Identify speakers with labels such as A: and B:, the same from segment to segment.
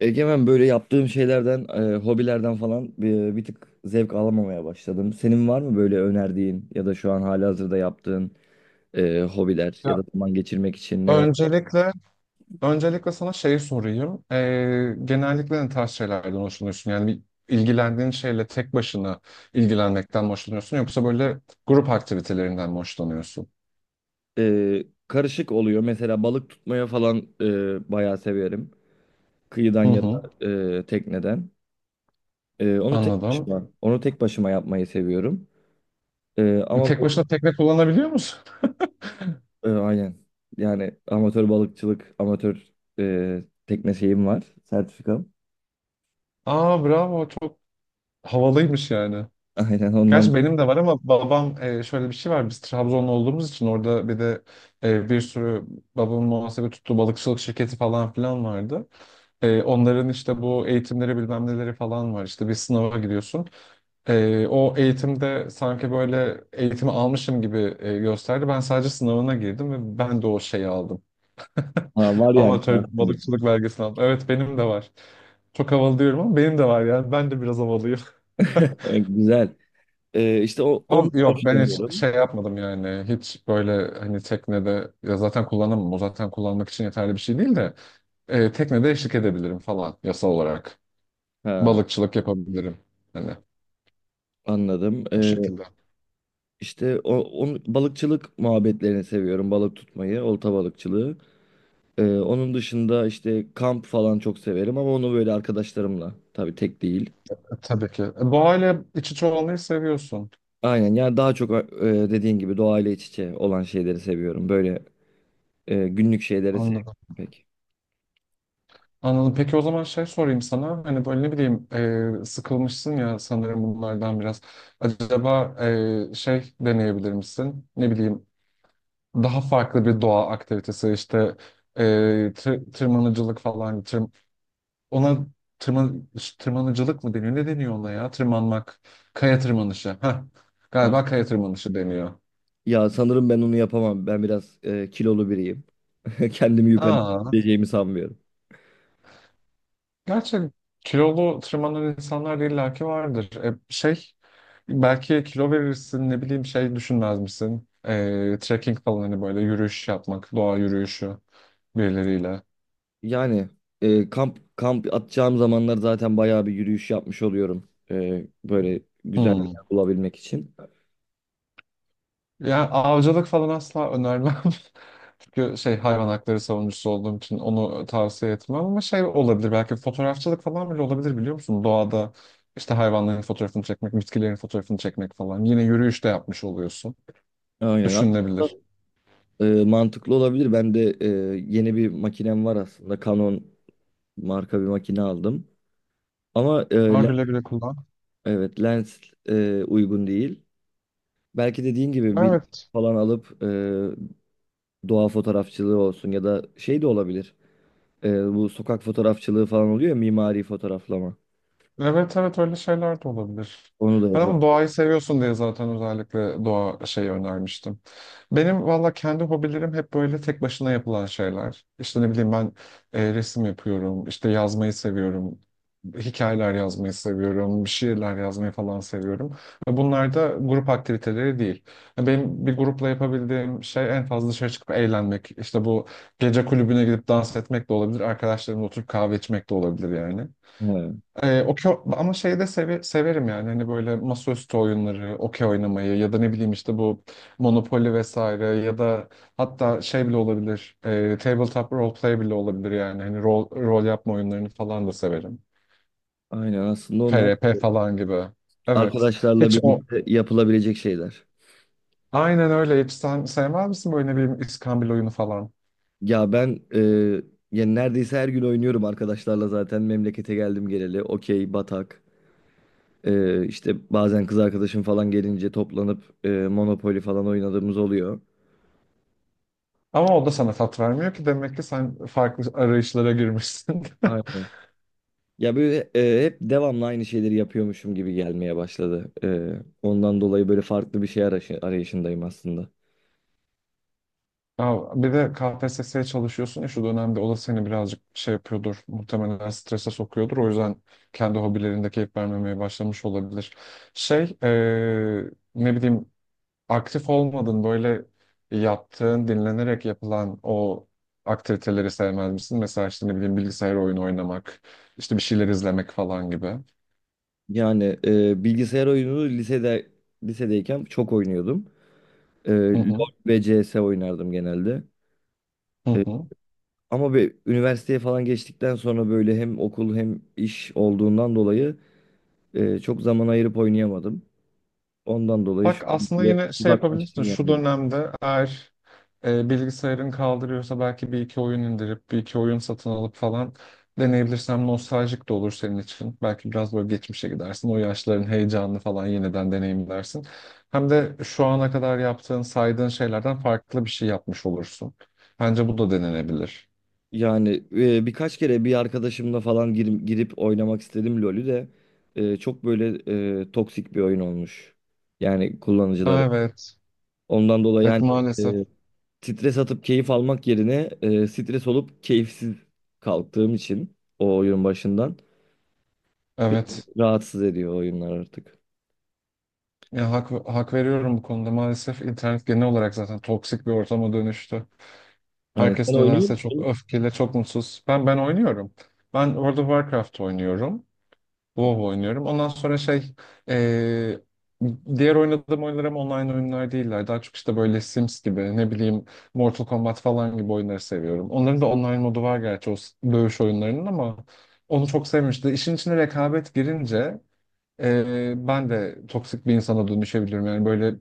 A: Egemen, böyle yaptığım şeylerden, hobilerden falan bir tık zevk alamamaya başladım. Senin var mı böyle önerdiğin ya da şu an halihazırda yaptığın hobiler ya da
B: Ya,
A: zaman geçirmek için neler?
B: öncelikle öncelikle sana şeyi sorayım. Genellikle ne tarz şeylerden hoşlanıyorsun? Yani bir ilgilendiğin şeyle tek başına ilgilenmekten mi hoşlanıyorsun yoksa böyle grup aktivitelerinden mi hoşlanıyorsun?
A: Karışık oluyor. Mesela balık tutmaya falan bayağı severim. Kıyıdan
B: Hı
A: ya da
B: hı,
A: tekneden. Onu tek
B: anladım.
A: başıma, onu tek başıma yapmayı seviyorum. E, ama
B: Tek başına tekne kullanabiliyor musun?
A: aynen. Yani amatör balıkçılık, amatör tekne şeyim var, sertifikam.
B: Aa, bravo, çok havalıymış yani.
A: Aynen
B: Gerçi
A: ondan.
B: benim de var, ama babam şöyle bir şey var. Biz Trabzonlu olduğumuz için orada bir de bir sürü babamın muhasebe tuttuğu balıkçılık şirketi falan filan vardı. Onların işte bu eğitimleri bilmem neleri falan var. İşte bir sınava giriyorsun. O eğitimde sanki böyle eğitimi almışım gibi gösterdi. Ben sadece sınavına girdim ve ben de o şeyi aldım.
A: Ha, var yani şu
B: Amatör
A: an sende.
B: balıkçılık belgesini aldım. Evet, benim de var. Çok havalı diyorum ama benim de var yani. Ben de biraz havalıyım.
A: Güzel. Ondan
B: Ama yok, ben hiç
A: hoşlanıyorum.
B: şey yapmadım yani. Hiç böyle hani teknede, ya zaten kullanamam. O zaten kullanmak için yeterli bir şey değil de teknede eşlik edebilirim falan yasal olarak.
A: Ha,
B: Balıkçılık yapabilirim. Hani
A: anladım.
B: o şekilde.
A: Balıkçılık muhabbetlerini seviyorum. Balık tutmayı, olta balıkçılığı. Onun dışında işte kamp falan çok severim, ama onu böyle arkadaşlarımla. Tabii tek değil.
B: Tabii ki. Doğayla iç içe olmayı seviyorsun.
A: Aynen, yani daha çok dediğin gibi doğayla iç içe olan şeyleri seviyorum. Böyle günlük şeyleri sevmiyorum
B: Anladım.
A: pek.
B: Anladım. Peki, o zaman şey sorayım sana. Hani böyle ne bileyim, sıkılmışsın ya sanırım bunlardan biraz. Acaba şey deneyebilir misin? Ne bileyim, daha farklı bir doğa aktivitesi işte e, tırmanıcılık falan ona tırman tırmanıcılık mı deniyor, ne deniyor ona ya, tırmanmak, kaya tırmanışı. Heh,
A: Ah,
B: galiba kaya tırmanışı deniyor.
A: ya sanırım ben onu yapamam. Ben biraz kilolu biriyim. Kendimi yukarı
B: Aa,
A: çekeceğimi sanmıyorum.
B: gerçi kilolu tırmanan insanlar da illaki vardır. Şey, belki kilo verirsin, ne bileyim, şey düşünmez misin, trekking falan, hani böyle yürüyüş yapmak, doğa yürüyüşü, birileriyle.
A: Yani kamp atacağım zamanlar zaten bayağı bir yürüyüş yapmış oluyorum. Böyle güzel bir
B: Hmm.
A: yer bulabilmek için.
B: Yani avcılık falan asla önermem. Çünkü şey, hayvan hakları savunucusu olduğum için onu tavsiye etmem, ama şey olabilir, belki fotoğrafçılık falan bile olabilir, biliyor musun? Doğada işte hayvanların fotoğrafını çekmek, bitkilerin fotoğrafını çekmek falan. Yine yürüyüş de yapmış oluyorsun.
A: Aynen.
B: Düşünülebilir.
A: Mantıklı olabilir. Ben de yeni bir makinem var aslında. Canon marka bir makine aldım. Ama
B: Var, güle güle kullan.
A: evet, lens uygun değil. Belki dediğin gibi bir
B: Evet.
A: falan alıp doğa fotoğrafçılığı olsun ya da şey de olabilir. Bu sokak fotoğrafçılığı falan oluyor ya, mimari fotoğraflama.
B: Evet, evet, öyle şeyler de olabilir.
A: Onu da
B: Ben
A: yapıp.
B: ama doğayı seviyorsun diye zaten özellikle doğa şeyi önermiştim. Benim valla kendi hobilerim hep böyle tek başına yapılan şeyler. İşte ne bileyim, ben resim yapıyorum, işte yazmayı seviyorum, hikayeler yazmayı seviyorum, şiirler yazmayı falan seviyorum. Ve bunlar da grup aktiviteleri değil. Yani benim bir grupla yapabildiğim şey en fazla dışarı çıkıp eğlenmek. İşte bu, gece kulübüne gidip dans etmek de olabilir, arkadaşlarımla oturup kahve içmek de olabilir yani.
A: He,
B: Okey, ama şeyi de severim yani, hani böyle masaüstü oyunları, okey oynamayı ya da ne bileyim işte bu Monopoly vesaire, ya da hatta şey bile olabilir, tabletop role play bile olabilir yani, hani rol yapma oyunlarını falan da severim.
A: aynen, aslında onlar
B: FRP falan gibi. Evet.
A: arkadaşlarla
B: Hiç o,
A: birlikte yapılabilecek şeyler.
B: aynen öyle. Hiç sen sevmez misin böyle ne bileyim iskambil oyunu falan?
A: Ya ben e, Yani neredeyse her gün oynuyorum arkadaşlarla zaten memlekete geldim geleli. Okey, batak. İşte bazen kız arkadaşım falan gelince toplanıp Monopoly falan oynadığımız oluyor.
B: Ama o da sana tat vermiyor ki, demek ki sen farklı arayışlara girmişsin.
A: Aynen. Ya böyle hep devamlı aynı şeyleri yapıyormuşum gibi gelmeye başladı. Ondan dolayı böyle farklı bir şey arayışındayım aslında.
B: Ya bir de KPSS'ye çalışıyorsun ya şu dönemde, o da seni birazcık şey yapıyordur. Muhtemelen strese sokuyordur. O yüzden kendi hobilerinde keyif vermemeye başlamış olabilir. Şey, ne bileyim, aktif olmadın böyle, yaptığın dinlenerek yapılan o aktiviteleri sevmez misin? Mesela işte ne bileyim, bilgisayar oyunu oynamak, işte bir şeyler izlemek falan gibi.
A: Yani bilgisayar oyununu lisedeyken çok oynuyordum.
B: Hı hı,
A: LoL ve CS oynardım genelde.
B: hı hı.
A: Ama bir üniversiteye falan geçtikten sonra böyle hem okul hem iş olduğundan dolayı çok zaman ayırıp oynayamadım. Ondan dolayı
B: Bak,
A: şu an
B: aslında
A: bile
B: yine şey yapabilirsin.
A: uzaklaştım
B: Şu
A: yani.
B: dönemde eğer bilgisayarın kaldırıyorsa belki bir iki oyun indirip bir iki oyun satın alıp falan deneyebilirsem, nostaljik de olur senin için. Belki biraz böyle geçmişe gidersin. O yaşların heyecanını falan yeniden deneyimlersin. Hem de şu ana kadar yaptığın, saydığın şeylerden farklı bir şey yapmış olursun. Bence bu da denenebilir.
A: Yani birkaç kere bir arkadaşımla falan girip oynamak istedim LoL'ü de. e, çok böyle toksik bir oyun olmuş. Yani kullanıcıları.
B: Aa, evet.
A: Ondan dolayı
B: Evet,
A: hani
B: maalesef.
A: e, stres atıp keyif almak yerine stres olup keyifsiz kalktığım için o oyun başından bir
B: Evet.
A: rahatsız ediyor oyunlar artık.
B: Ya hak veriyorum bu konuda. Maalesef internet genel olarak zaten toksik bir ortama dönüştü.
A: Aynen. Sen
B: Herkes
A: oynuyor
B: nedense çok
A: musun?
B: öfkeli, çok mutsuz. Ben oynuyorum. Ben World of Warcraft oynuyorum. WoW oynuyorum. Ondan sonra şey, eee, diğer oynadığım oyunlar ama online oyunlar değiller. Daha çok işte böyle Sims gibi, ne bileyim Mortal Kombat falan gibi oyunları seviyorum. Onların da online modu var gerçi, o dövüş oyunlarının, ama onu çok sevmişti. İşin içine rekabet girince ben de toksik bir insana dönüşebiliyorum. Yani böyle,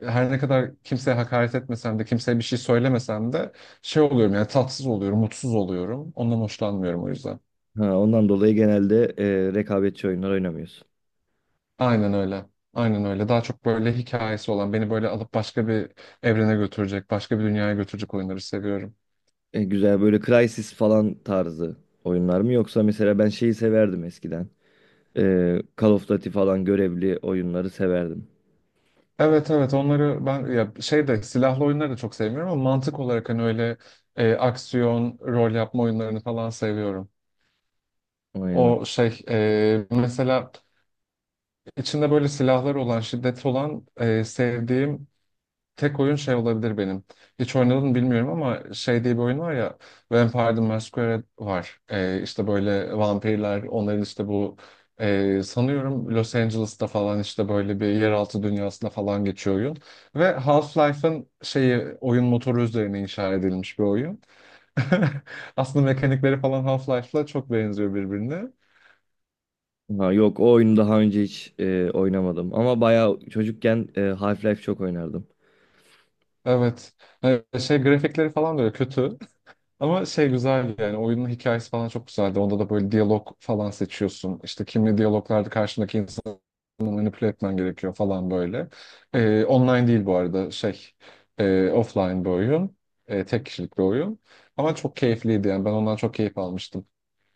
B: her ne kadar kimseye hakaret etmesem de, kimseye bir şey söylemesem de, şey oluyorum yani, tatsız oluyorum, mutsuz oluyorum. Ondan hoşlanmıyorum o yüzden.
A: Ha, ondan dolayı genelde rekabetçi oyunlar oynamıyorsun.
B: Aynen öyle. Aynen öyle. Daha çok böyle hikayesi olan, beni böyle alıp başka bir evrene götürecek, başka bir dünyaya götürecek oyunları seviyorum.
A: Güzel, böyle Crysis falan tarzı oyunlar mı? Yoksa mesela ben şeyi severdim eskiden. E, Call of Duty falan görevli oyunları severdim.
B: Evet, evet, onları ben ya şey de, silahlı oyunları da çok sevmiyorum, ama mantık olarak hani öyle aksiyon, rol yapma oyunlarını falan seviyorum.
A: Aynen.
B: O şey, mesela İçinde böyle silahlar olan, şiddet olan, sevdiğim tek oyun şey olabilir benim. Hiç oynadım bilmiyorum, ama şey diye bir oyun var ya, Vampire the Masquerade var. İşte böyle vampirler, onların işte bu, sanıyorum Los Angeles'ta falan, işte böyle bir yeraltı dünyasında falan geçiyor oyun. Ve Half-Life'ın şeyi, oyun motoru üzerine inşa edilmiş bir oyun. Aslında mekanikleri falan Half-Life'la çok benziyor birbirine.
A: Ha, yok, o oyunu daha önce hiç oynamadım. Ama bayağı çocukken Half-Life çok oynardım.
B: Evet. Şey, grafikleri falan da öyle kötü. Ama şey güzel yani, oyunun hikayesi falan çok güzeldi. Onda da böyle diyalog falan seçiyorsun. İşte kimli diyaloglarda karşındaki insanı manipüle etmen gerekiyor falan böyle. Online değil bu arada şey, offline bir oyun. Tek kişilik bir oyun. Ama çok keyifliydi yani, ben ondan çok keyif almıştım.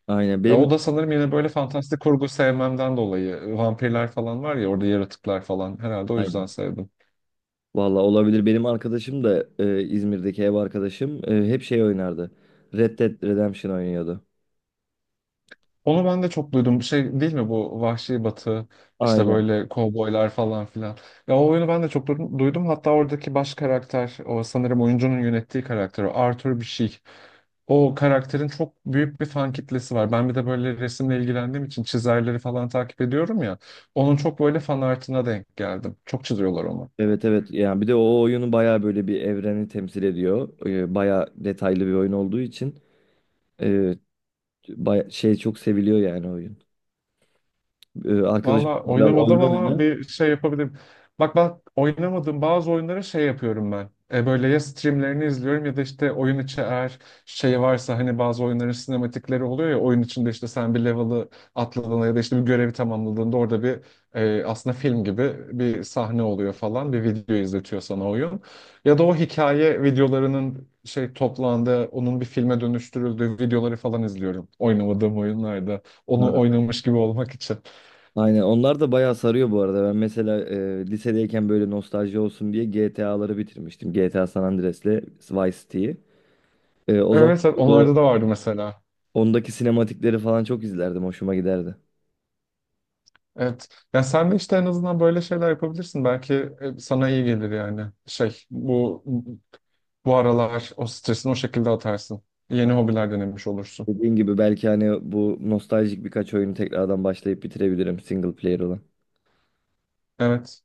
A: Aynen
B: Ve
A: benim...
B: o da sanırım yine böyle fantastik kurgu sevmemden dolayı, vampirler falan var ya orada, yaratıklar falan, herhalde o yüzden
A: Aynen.
B: sevdim.
A: Valla olabilir. Benim arkadaşım da İzmir'deki ev arkadaşım hep şey oynardı. Red Dead Redemption oynuyordu.
B: Onu ben de çok duydum. Şey değil mi bu, Vahşi Batı, işte
A: Aynen.
B: böyle kovboylar falan filan. Ya o oyunu ben de çok duydum. Hatta oradaki baş karakter, o sanırım oyuncunun yönettiği karakter, o Arthur bir şey. O karakterin çok büyük bir fan kitlesi var. Ben bir de böyle resimle ilgilendiğim için çizerleri falan takip ediyorum ya. Onun çok böyle fan artına denk geldim. Çok çiziyorlar onu.
A: Evet, evet, yani bir de o oyunu bayağı böyle bir evreni temsil ediyor. Bayağı detaylı bir oyun olduğu için e, şey, çok seviliyor yani oyun. Arkadaşım
B: Valla
A: mesela
B: oynamadım
A: oyunu
B: ama
A: oyna.
B: bir şey yapabilirim. Bak oynamadığım bazı oyunları şey yapıyorum ben. E, böyle ya streamlerini izliyorum ya da işte oyun içi, eğer şey varsa hani, bazı oyunların sinematikleri oluyor ya, oyun içinde işte sen bir level'ı atladığında ya da işte bir görevi tamamladığında orada bir, aslında film gibi bir sahne oluyor falan, bir video izletiyor sana oyun. Ya da o hikaye videolarının şey toplandığı, onun bir filme dönüştürüldüğü videoları falan izliyorum oynamadığım oyunlarda, onu
A: Ha.
B: oynamış gibi olmak için.
A: Aynen, onlar da bayağı sarıyor bu arada. Ben mesela lisedeyken böyle nostalji olsun diye GTA'ları bitirmiştim. GTA San Andreas'le Vice City'yi. O zaman
B: Evet, evet,
A: o,
B: onlarda da vardı mesela.
A: ondaki sinematikleri falan çok izlerdim. Hoşuma giderdi.
B: Evet. Ya sen de işte en azından böyle şeyler yapabilirsin. Belki sana iyi gelir yani. Şey, bu aralar o stresini o şekilde atarsın. Yeni hobiler denemiş olursun.
A: Dediğin gibi belki hani bu nostaljik birkaç oyunu tekrardan başlayıp bitirebilirim, single player olan.
B: Evet.